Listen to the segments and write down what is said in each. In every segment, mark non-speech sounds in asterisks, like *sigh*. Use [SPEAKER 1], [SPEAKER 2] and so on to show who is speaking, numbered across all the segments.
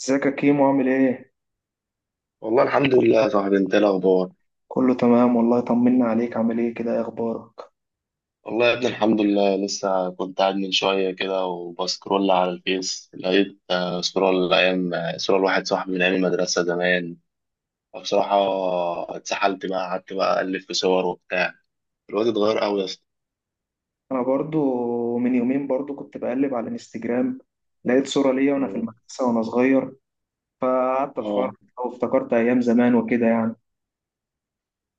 [SPEAKER 1] ازيك يا كيمو، عامل ايه؟
[SPEAKER 2] والله الحمد لله يا صاحبي، انت ايه الاخبار؟
[SPEAKER 1] كله تمام والله، طمنا عليك. عامل ايه كده، ايه اخبارك؟
[SPEAKER 2] والله يا ابني الحمد لله. لسه كنت قاعد من شويه كده وبسكرول على الفيس، لقيت صوره الايام. صوره لواحد صاحبي من ايام المدرسه زمان. فبصراحه اتسحلت بقى، قعدت بقى الف في صور وبتاع. الواد اتغير قوي يا اسطى.
[SPEAKER 1] انا برضو من يومين برضو كنت بقلب على الانستجرام، لقيت صورة ليا وانا في
[SPEAKER 2] مم.
[SPEAKER 1] المدرسة وانا صغير، فقعدت اتفرج
[SPEAKER 2] اه
[SPEAKER 1] وافتكرت ايام زمان وكده يعني.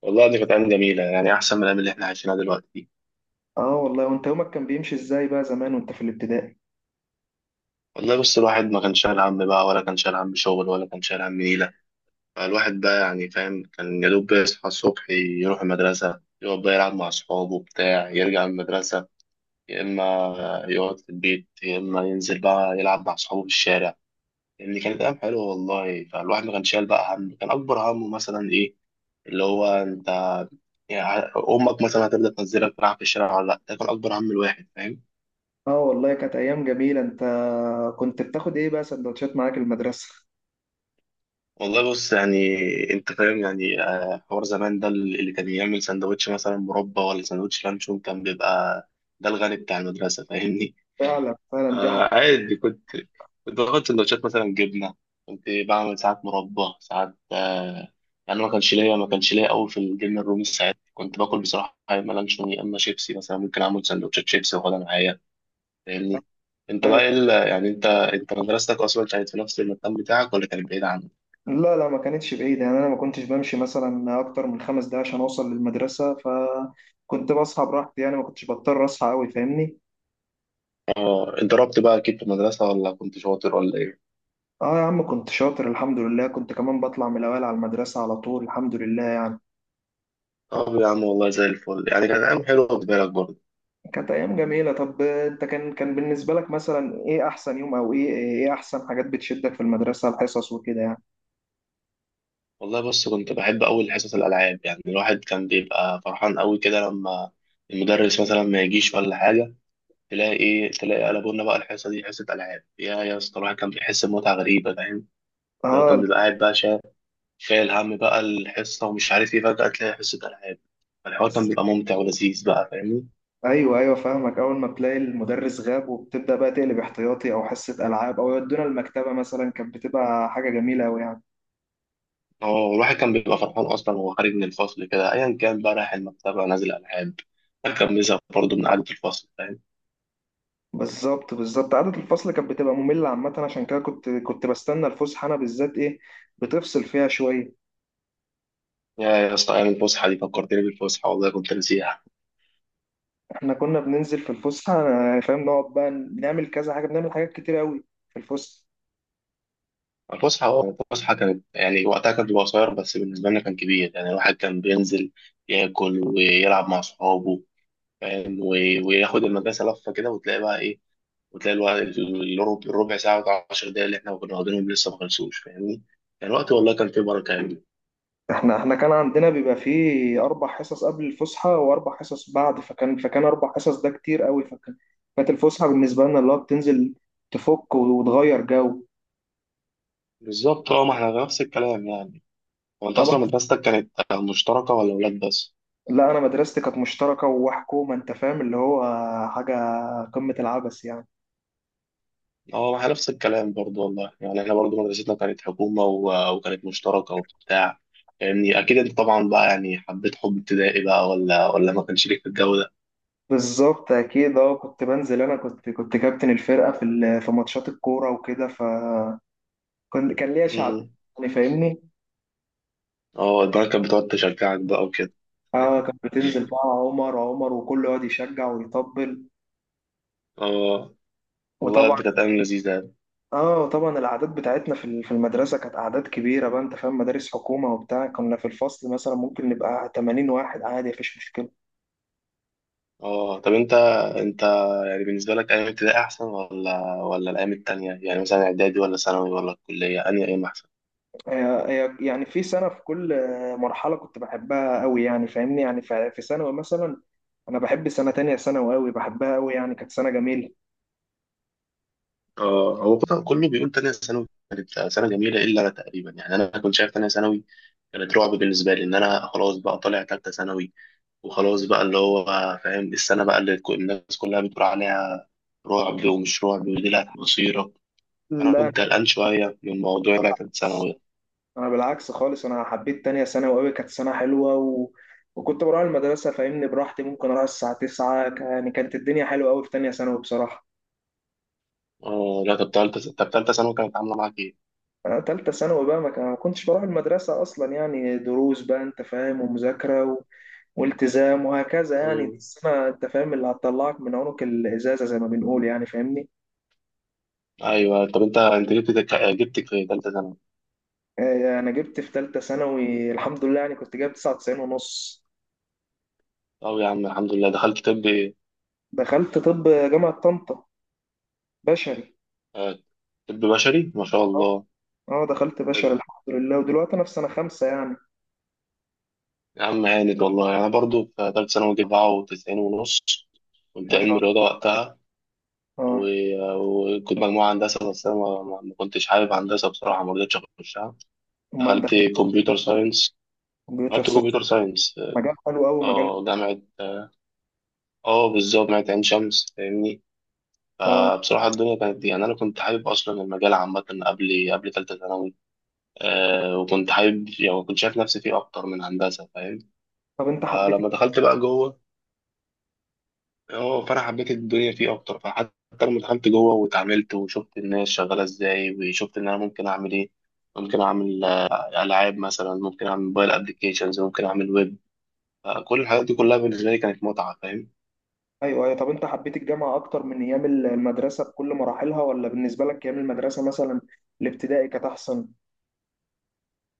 [SPEAKER 2] والله دي كانت ايام جميله، يعني احسن من الايام اللي احنا عايشينها دلوقتي.
[SPEAKER 1] اه والله، وانت يومك كان بيمشي ازاي بقى زمان وانت في الابتدائي؟
[SPEAKER 2] والله بس الواحد ما كان شايل هم بقى، ولا كان شايل هم شغل، ولا كان شايل هم نيله. الواحد بقى يعني فاهم، كان يا دوب بيصحى الصبح يروح المدرسة، يقعد بقى يلعب مع أصحابه بتاع يرجع من المدرسة، يا إما يقعد في البيت، يا إما ينزل بقى يلعب مع أصحابه في الشارع. يعني كانت أيام حلوة والله. فالواحد ما كانش شايل بقى هم، كان أكبر همه مثلا إيه، اللي هو أنت يعني، أمك مثلا هتبدأ تنزلك تلعب في الشارع ولا لأ. ده كان أكبر هم الواحد، فاهم؟
[SPEAKER 1] اه والله كانت ايام جميلة. انت كنت بتاخد ايه بقى سندوتشات معاك المدرسة؟
[SPEAKER 2] والله بص، يعني انت فاهم يعني حوار زمان ده. اللي كان يعمل سندوتش مثلا مربى ولا سندوتش لانشون كان بيبقى ده الغني بتاع المدرسة، فاهمني؟
[SPEAKER 1] فعلا
[SPEAKER 2] *laughs*
[SPEAKER 1] فعلا. دي
[SPEAKER 2] آه، عادي. كنت باخد سندوتشات مثلا جبنة. كنت بعمل ساعات مربى، ساعات يعني ما كانش ليا قوي في الجبنة الرومي. ساعات كنت باكل بصراحة يا اما لانشون، يا اما شيبسي، مثلا ممكن اعمل سندوتشات شيبسي واخدها معايا، فاهمني؟ انت بقى
[SPEAKER 1] حاجة.
[SPEAKER 2] ايه يعني انت مدرستك اصلا كانت في نفس المكان بتاعك ولا كانت بعيدة عنك؟
[SPEAKER 1] لا لا، ما كانتش بعيدة، يعني أنا ما كنتش بمشي مثلا أكتر من 5 دقايق عشان أوصل للمدرسة، فكنت بصحى براحتي يعني، ما كنتش بضطر أصحى أوي فاهمني.
[SPEAKER 2] اه، انت ربت بقى اكيد في المدرسة ولا كنت شاطر ولا ايه؟
[SPEAKER 1] آه يا عم كنت شاطر الحمد لله، كنت كمان بطلع من الأوائل على المدرسة على طول الحمد لله.
[SPEAKER 2] طب يا عم والله زي الفل. يعني كانت ايام حلوة بالنسبة لك برضه.
[SPEAKER 1] كانت أيام جميلة. طب أنت كان بالنسبة لك مثلا إيه أحسن يوم، أو إيه أحسن حاجات بتشدك في المدرسة، الحصص وكده يعني؟
[SPEAKER 2] والله بص، كنت بحب اول حصص الالعاب. يعني الواحد كان بيبقى فرحان قوي كده لما المدرس مثلا ما يجيش ولا حاجة، تلاقي ايه، تلاقي قلبوا لنا بقى الحصة دي حصة العاب. يا يا اسطى، الواحد كان بيحس بمتعة غريبة، فاهم؟ اللي هو كان
[SPEAKER 1] آه
[SPEAKER 2] بيبقى قاعد بقى شايل هم بقى الحصة ومش عارف ايه، فجأة تلاقي حصة العاب. فالحوار كان
[SPEAKER 1] بس.
[SPEAKER 2] بيبقى ممتع ولذيذ بقى، فاهمني؟
[SPEAKER 1] ايوه ايوه، فاهمك. اول ما تلاقي المدرس غاب وبتبدا بقى تقلب احتياطي او حصه العاب او يودونا المكتبه مثلا، كانت بتبقى حاجه جميله قوي يعني.
[SPEAKER 2] هو الواحد كان بيبقى فرحان اصلا وهو خارج من الفصل كده، ايا كان بقى رايح المكتبه نازل العاب. الواحد كان بيزهق برضه من قعده الفصل، فاهم؟
[SPEAKER 1] بالظبط بالظبط، قعدة الفصل كانت بتبقى مملة عامة، عشان كده كنت بستنى الفسحة، أنا بالذات إيه، بتفصل فيها شوية.
[SPEAKER 2] يا يا اسطى، ايام الفسحه دي فكرتني بالفسحه، والله كنت نسيها.
[SPEAKER 1] إحنا كنا بننزل في الفسحة، أنا فاهم، نقعد بقى بنعمل كذا حاجة، بنعمل حاجات كتير أوي في الفسحة.
[SPEAKER 2] الفسحه، اه، الفسحه كانت، يعني وقتها كانت بتبقى قصير بس بالنسبه لنا كان كبير. يعني الواحد كان بينزل ياكل ويلعب مع صحابه، فاهم؟ وياخد المدرسه لفه كده وتلاقي بقى ايه، وتلاقي الوقت الربع ساعه و 10 دقايق اللي احنا كنا واخدينهم لسه ما خلصوش، فاهمني؟ يعني الوقت والله كان فيه بركه يعني.
[SPEAKER 1] إحنا كان عندنا بيبقى فيه أربع حصص قبل الفسحة وأربع حصص بعد، فكان أربع حصص ده كتير أوي، كانت الفسحة بالنسبة لنا اللي هو بتنزل تفك وتغير جو.
[SPEAKER 2] بالظبط اه. ما احنا نفس الكلام يعني. هو انت
[SPEAKER 1] طبعا.
[SPEAKER 2] اصلا مدرستك كانت مشتركه ولا ولاد بس؟
[SPEAKER 1] لا أنا مدرستي كانت مشتركة وحكومة، أنت فاهم اللي هو حاجة، قمة العبث يعني.
[SPEAKER 2] اه احنا نفس الكلام برضو والله. يعني احنا برضو مدرستنا كانت حكومه وكانت مشتركه وبتاع. يعني اكيد انت طبعا بقى، يعني حبيت حب ابتدائي بقى ولا، ولا ما كانش ليك في الجو ده؟
[SPEAKER 1] بالظبط اكيد. اه كنت بنزل، انا كنت كابتن الفرقه في ماتشات الكوره وكده، فكان ليا شعبيه
[SPEAKER 2] امم.
[SPEAKER 1] يعني فاهمني.
[SPEAKER 2] اه، البنات كانت بتقعد تشجعك بقى وكده.
[SPEAKER 1] اه كان بتنزل بقى عمر عمر وكله يقعد يشجع ويطبل.
[SPEAKER 2] اه والله
[SPEAKER 1] وطبعا
[SPEAKER 2] دي كانت ايام لذيذه يعني.
[SPEAKER 1] اه طبعا الاعداد بتاعتنا في المدرسه كانت اعداد كبيره بقى، انت فاهم، مدارس حكومه وبتاع، كنا في الفصل مثلا ممكن نبقى 80 واحد عادي، مفيش مشكله.
[SPEAKER 2] اه طب انت، انت يعني بالنسبه لك ايام ابتدائي احسن ولا، ولا الايام التانيه يعني، مثلا اعدادي ولا ثانوي ولا الكليه، انهي ايام احسن؟
[SPEAKER 1] آه، يعني في كل مرحله كنت بحبها قوي يعني فاهمني. يعني في ثانوي مثلا، انا بحب سنه تانية ثانوي قوي، بحبها قوي يعني، كانت سنه جميله.
[SPEAKER 2] اه، هو كله بيقول تانية ثانوي كانت سنة جميلة إلا أنا تقريبا. يعني أنا كنت شايف تانية ثانوي كانت رعب بالنسبة لي، إن أنا خلاص بقى طالع تالتة ثانوي وخلاص بقى اللي هو، فاهم؟ السنة بقى اللي الناس كلها بتقول عليها رعب ومش رعب ودي اللي مصيرك. أنا
[SPEAKER 1] لا
[SPEAKER 2] كنت قلقان شوية من موضوع طالع تالتة ثانوي ده.
[SPEAKER 1] انا بالعكس خالص، انا حبيت تانية ثانوي قوي، كانت سنه حلوه وكنت بروح المدرسه فاهمني براحتي، ممكن اروح الساعه 9، يعني كانت الدنيا حلوه قوي في تانية ثانوي بصراحه.
[SPEAKER 2] اه لا، طب تالتة، طب تالتة ثانوي كانت عاملة معاك إيه؟
[SPEAKER 1] انا تالتة ثانوي بقى ما كنتش بروح المدرسه اصلا يعني، دروس بقى انت فاهم، ومذاكره والتزام وهكذا يعني. دي
[SPEAKER 2] مم.
[SPEAKER 1] السنه انت فاهم اللي هتطلعك من عنق الازازه زي ما بنقول يعني فاهمني.
[SPEAKER 2] أيوه طب أنت جبت في تالتة ثانوي؟
[SPEAKER 1] انا جبت في تالتة ثانوي الحمد لله، يعني كنت جايب 99 ونص.
[SPEAKER 2] طب يا عم الحمد لله، دخلت طب إيه؟
[SPEAKER 1] دخلت طب جامعة طنطا بشري.
[SPEAKER 2] آه، طب بشري، ما شاء
[SPEAKER 1] آه،
[SPEAKER 2] الله.
[SPEAKER 1] اه دخلت بشري الحمد لله، ودلوقتي انا في سنة خمسة يعني.
[SPEAKER 2] يا عم هانت والله. أنا برضو في تالتة ثانوي جبت سبعة وتسعين ونص. كنت
[SPEAKER 1] ما شاء
[SPEAKER 2] علم
[SPEAKER 1] الله.
[SPEAKER 2] رياضة وقتها
[SPEAKER 1] اه
[SPEAKER 2] وكنت مجموعة هندسة. بس أنا ما كنتش حابب هندسة بصراحة، ما رضيتش أخشها.
[SPEAKER 1] امال
[SPEAKER 2] دخلت
[SPEAKER 1] دخلت
[SPEAKER 2] كمبيوتر ساينس.
[SPEAKER 1] كمبيوتر
[SPEAKER 2] دخلت
[SPEAKER 1] ساينس،
[SPEAKER 2] كمبيوتر ساينس.
[SPEAKER 1] مجال حلو قوي مجال.
[SPEAKER 2] اه جامعة، اه بالظبط جامعة عين شمس، فاهمني؟
[SPEAKER 1] اه
[SPEAKER 2] فبصراحة الدنيا كانت دي، يعني أنا كنت حابب أصلا المجال عامة قبل تالتة ثانوي. آه، وكنت حابب، يعني كنت شايف نفسي فيه أكتر من هندسة، فاهم؟
[SPEAKER 1] طب انت حبيت.
[SPEAKER 2] فلما دخلت بقى جوه، اه فانا حبيت الدنيا فيه اكتر. فحتى لما دخلت جوه واتعاملت وشفت الناس شغاله ازاي وشفت ان انا ممكن اعمل ايه، ممكن اعمل العاب مثلا، ممكن اعمل موبايل ابلكيشنز، ممكن اعمل ويب. كل الحاجات دي كلها بالنسبه لي كانت متعه، فاهم؟
[SPEAKER 1] ايوه ايوه، طب انت حبيت الجامعة اكتر من ايام المدرسة بكل مراحلها، ولا بالنسبة لك ايام المدرسة مثلا الابتدائي كانت احسن؟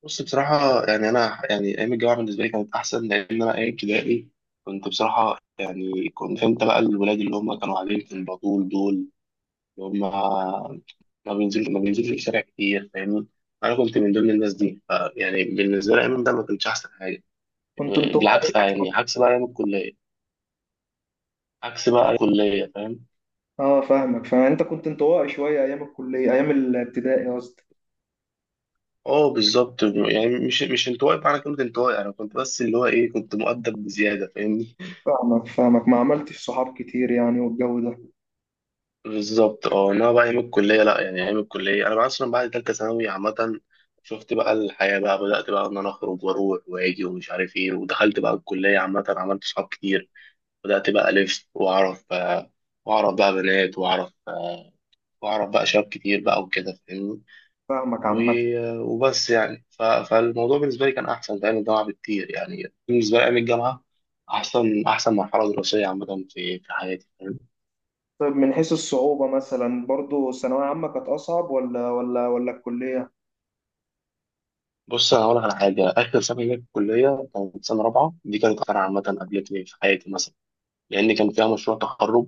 [SPEAKER 2] بص بصراحه، يعني انا، يعني ايام الجامعه بالنسبه لي كانت احسن. لان انا ايام ابتدائي كنت بصراحه، يعني كنت فهمت بقى الولاد اللي هم كانوا قاعدين في البطول دول، هم ما بينزلش الشارع كتير، فاهمني؟ انا كنت من ضمن الناس دي. يعني بالنسبه لي ايام ده ما كانش احسن حاجه.
[SPEAKER 1] كنت انطوائي
[SPEAKER 2] بالعكس يعني،
[SPEAKER 1] شوية.
[SPEAKER 2] عكس بقى ايام الكليه، عكس بقى الكليه، فاهم؟
[SPEAKER 1] اه فاهمك، فانت كنت انطوائي شوية ايام الكلية، ايام الابتدائي قصدي.
[SPEAKER 2] اه بالظبط، يعني مش انطوائي بمعنى كلمه انطوائي. انا كنت بس اللي هو ايه، كنت مؤدب بزياده، فاهمني.
[SPEAKER 1] فاهمك فاهمك، ما عملتش صحاب كتير يعني والجو ده.
[SPEAKER 2] بالظبط اه. انما بقى ايام الكليه لا، يعني ايام الكليه انا بقى اصلا بعد ثالثه ثانوي عامه شفت بقى الحياه بقى، بدات بقى ان انا اخرج واروح واجي ومش عارف ايه، ودخلت بقى الكليه عامه، عملت صحاب كتير. بدأت بقى ألف وأعرف وأعرف بقى بنات، وأعرف وأعرف بقى شباب كتير بقى وكده، فاهمني.
[SPEAKER 1] فاهمك عامة.
[SPEAKER 2] وبس يعني. فالموضوع بالنسبة لي كان أحسن في أيام الجامعة بكتير. يعني بالنسبة لي أيام الجامعة أحسن مرحلة دراسية عامة في حياتي، فاهم؟
[SPEAKER 1] طيب من حيث الصعوبة مثلا برضو ثانوية عامة كانت أصعب ولا الكلية؟
[SPEAKER 2] بص أنا هقول لك على حاجة، آخر سنة ليا في الكلية كانت سنة رابعة، دي كانت أكتر عامة قابلتني في حياتي مثلا. لأن كان فيها مشروع تخرج،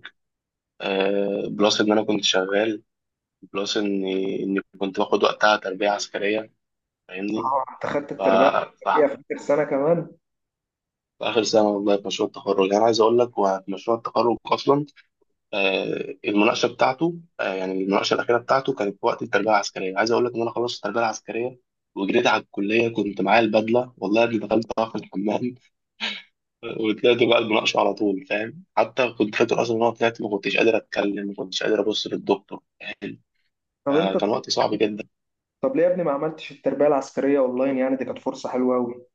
[SPEAKER 2] بلس إن أنا كنت شغال، بلس إني كنت باخد وقتها تربية عسكرية، فاهمني.
[SPEAKER 1] أنت خدت
[SPEAKER 2] ف...
[SPEAKER 1] التربية
[SPEAKER 2] ف...
[SPEAKER 1] العسكرية في آخر سنة كمان.
[SPEAKER 2] في آخر سنة والله، في مشروع التخرج يعني، أنا عايز أقول لك هو في مشروع التخرج أصلا المناقشة بتاعته، يعني المناقشة الأخيرة بتاعته كانت في وقت التربية العسكرية. عايز أقول لك إن أنا خلصت التربية العسكرية وجريت على الكلية، كنت معايا البدلة والله اللي دخلتها في الحمام. *laughs* وطلعت بقى المناقشة على طول، فاهم؟ حتى كنت فاكر أصلا إن أنا طلعت ما كنتش قادر أتكلم، ما كنتش قادر أبص للدكتور، فاهم؟
[SPEAKER 1] طب أنت
[SPEAKER 2] كان وقت صعب جدا.
[SPEAKER 1] طب ليه يا ابني ما عملتش التربية العسكرية أونلاين؟ يعني دي كانت فرصة حلوة أوي.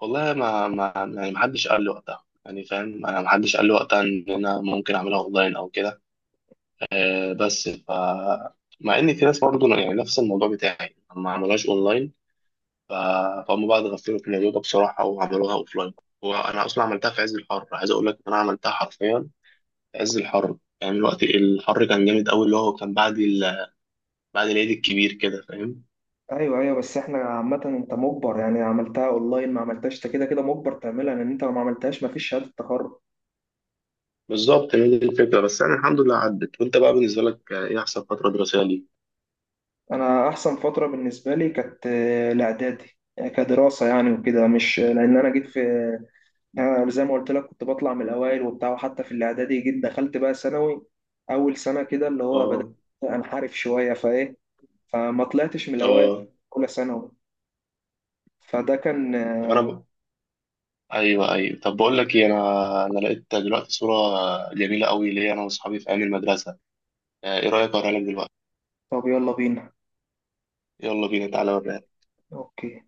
[SPEAKER 2] والله ما ما يعني، ما حدش قال لي وقتها يعني فاهم، أنا ما حدش قال لي وقتها إن أنا ممكن أعملها أونلاين أو كده. بس، مع ان في ناس برضه يعني نفس الموضوع بتاعي ما عملوهاش اونلاين. ف- فهم بقى اتغفلوا في الموضوع ده بصراحه، وعملوها اوفلاين. وانا اصلا عملتها في عز الحر، عايز اقول لك إن انا عملتها حرفيا في عز الحر. يعني الوقت الحر كان جامد قوي، اللي هو كان بعد بعد العيد الكبير كده، فاهم.
[SPEAKER 1] أيوه أيوه، بس إحنا عامة أنت مجبر، يعني عملتها أونلاين ما عملتهاش أنت كده كده مجبر تعملها، لأن أنت لو ما عملتهاش مفيش شهادة تخرج.
[SPEAKER 2] بالظبط، هي دي الفكره. بس يعني الحمد لله عدت. وانت بقى بالنسبه لك ايه احسن فتره دراسيه ليك؟
[SPEAKER 1] أنا أحسن فترة بالنسبة لي كانت الإعدادي يعني، كدراسة يعني وكده، مش لأن أنا جيت في، أنا زي ما قلت لك كنت بطلع من الأوائل وبتاع، وحتى في الإعدادي جيت دخلت بقى ثانوي أول سنة كده اللي هو بدأت
[SPEAKER 2] اه،
[SPEAKER 1] أنحرف شوية، فإيه، فما طلعتش من الأوائل
[SPEAKER 2] اه
[SPEAKER 1] أولى ثانوي، فده كان.
[SPEAKER 2] طب انا، ايوه ايوه. طب بقول لك ايه، انا لقيت دلوقتي صوره جميله قوي ليا انا واصحابي في ايام المدرسه. ايه رايك اوريها لك دلوقتي؟
[SPEAKER 1] طب يلا بينا.
[SPEAKER 2] يلا بينا، تعالى اوريها.
[SPEAKER 1] أوكي.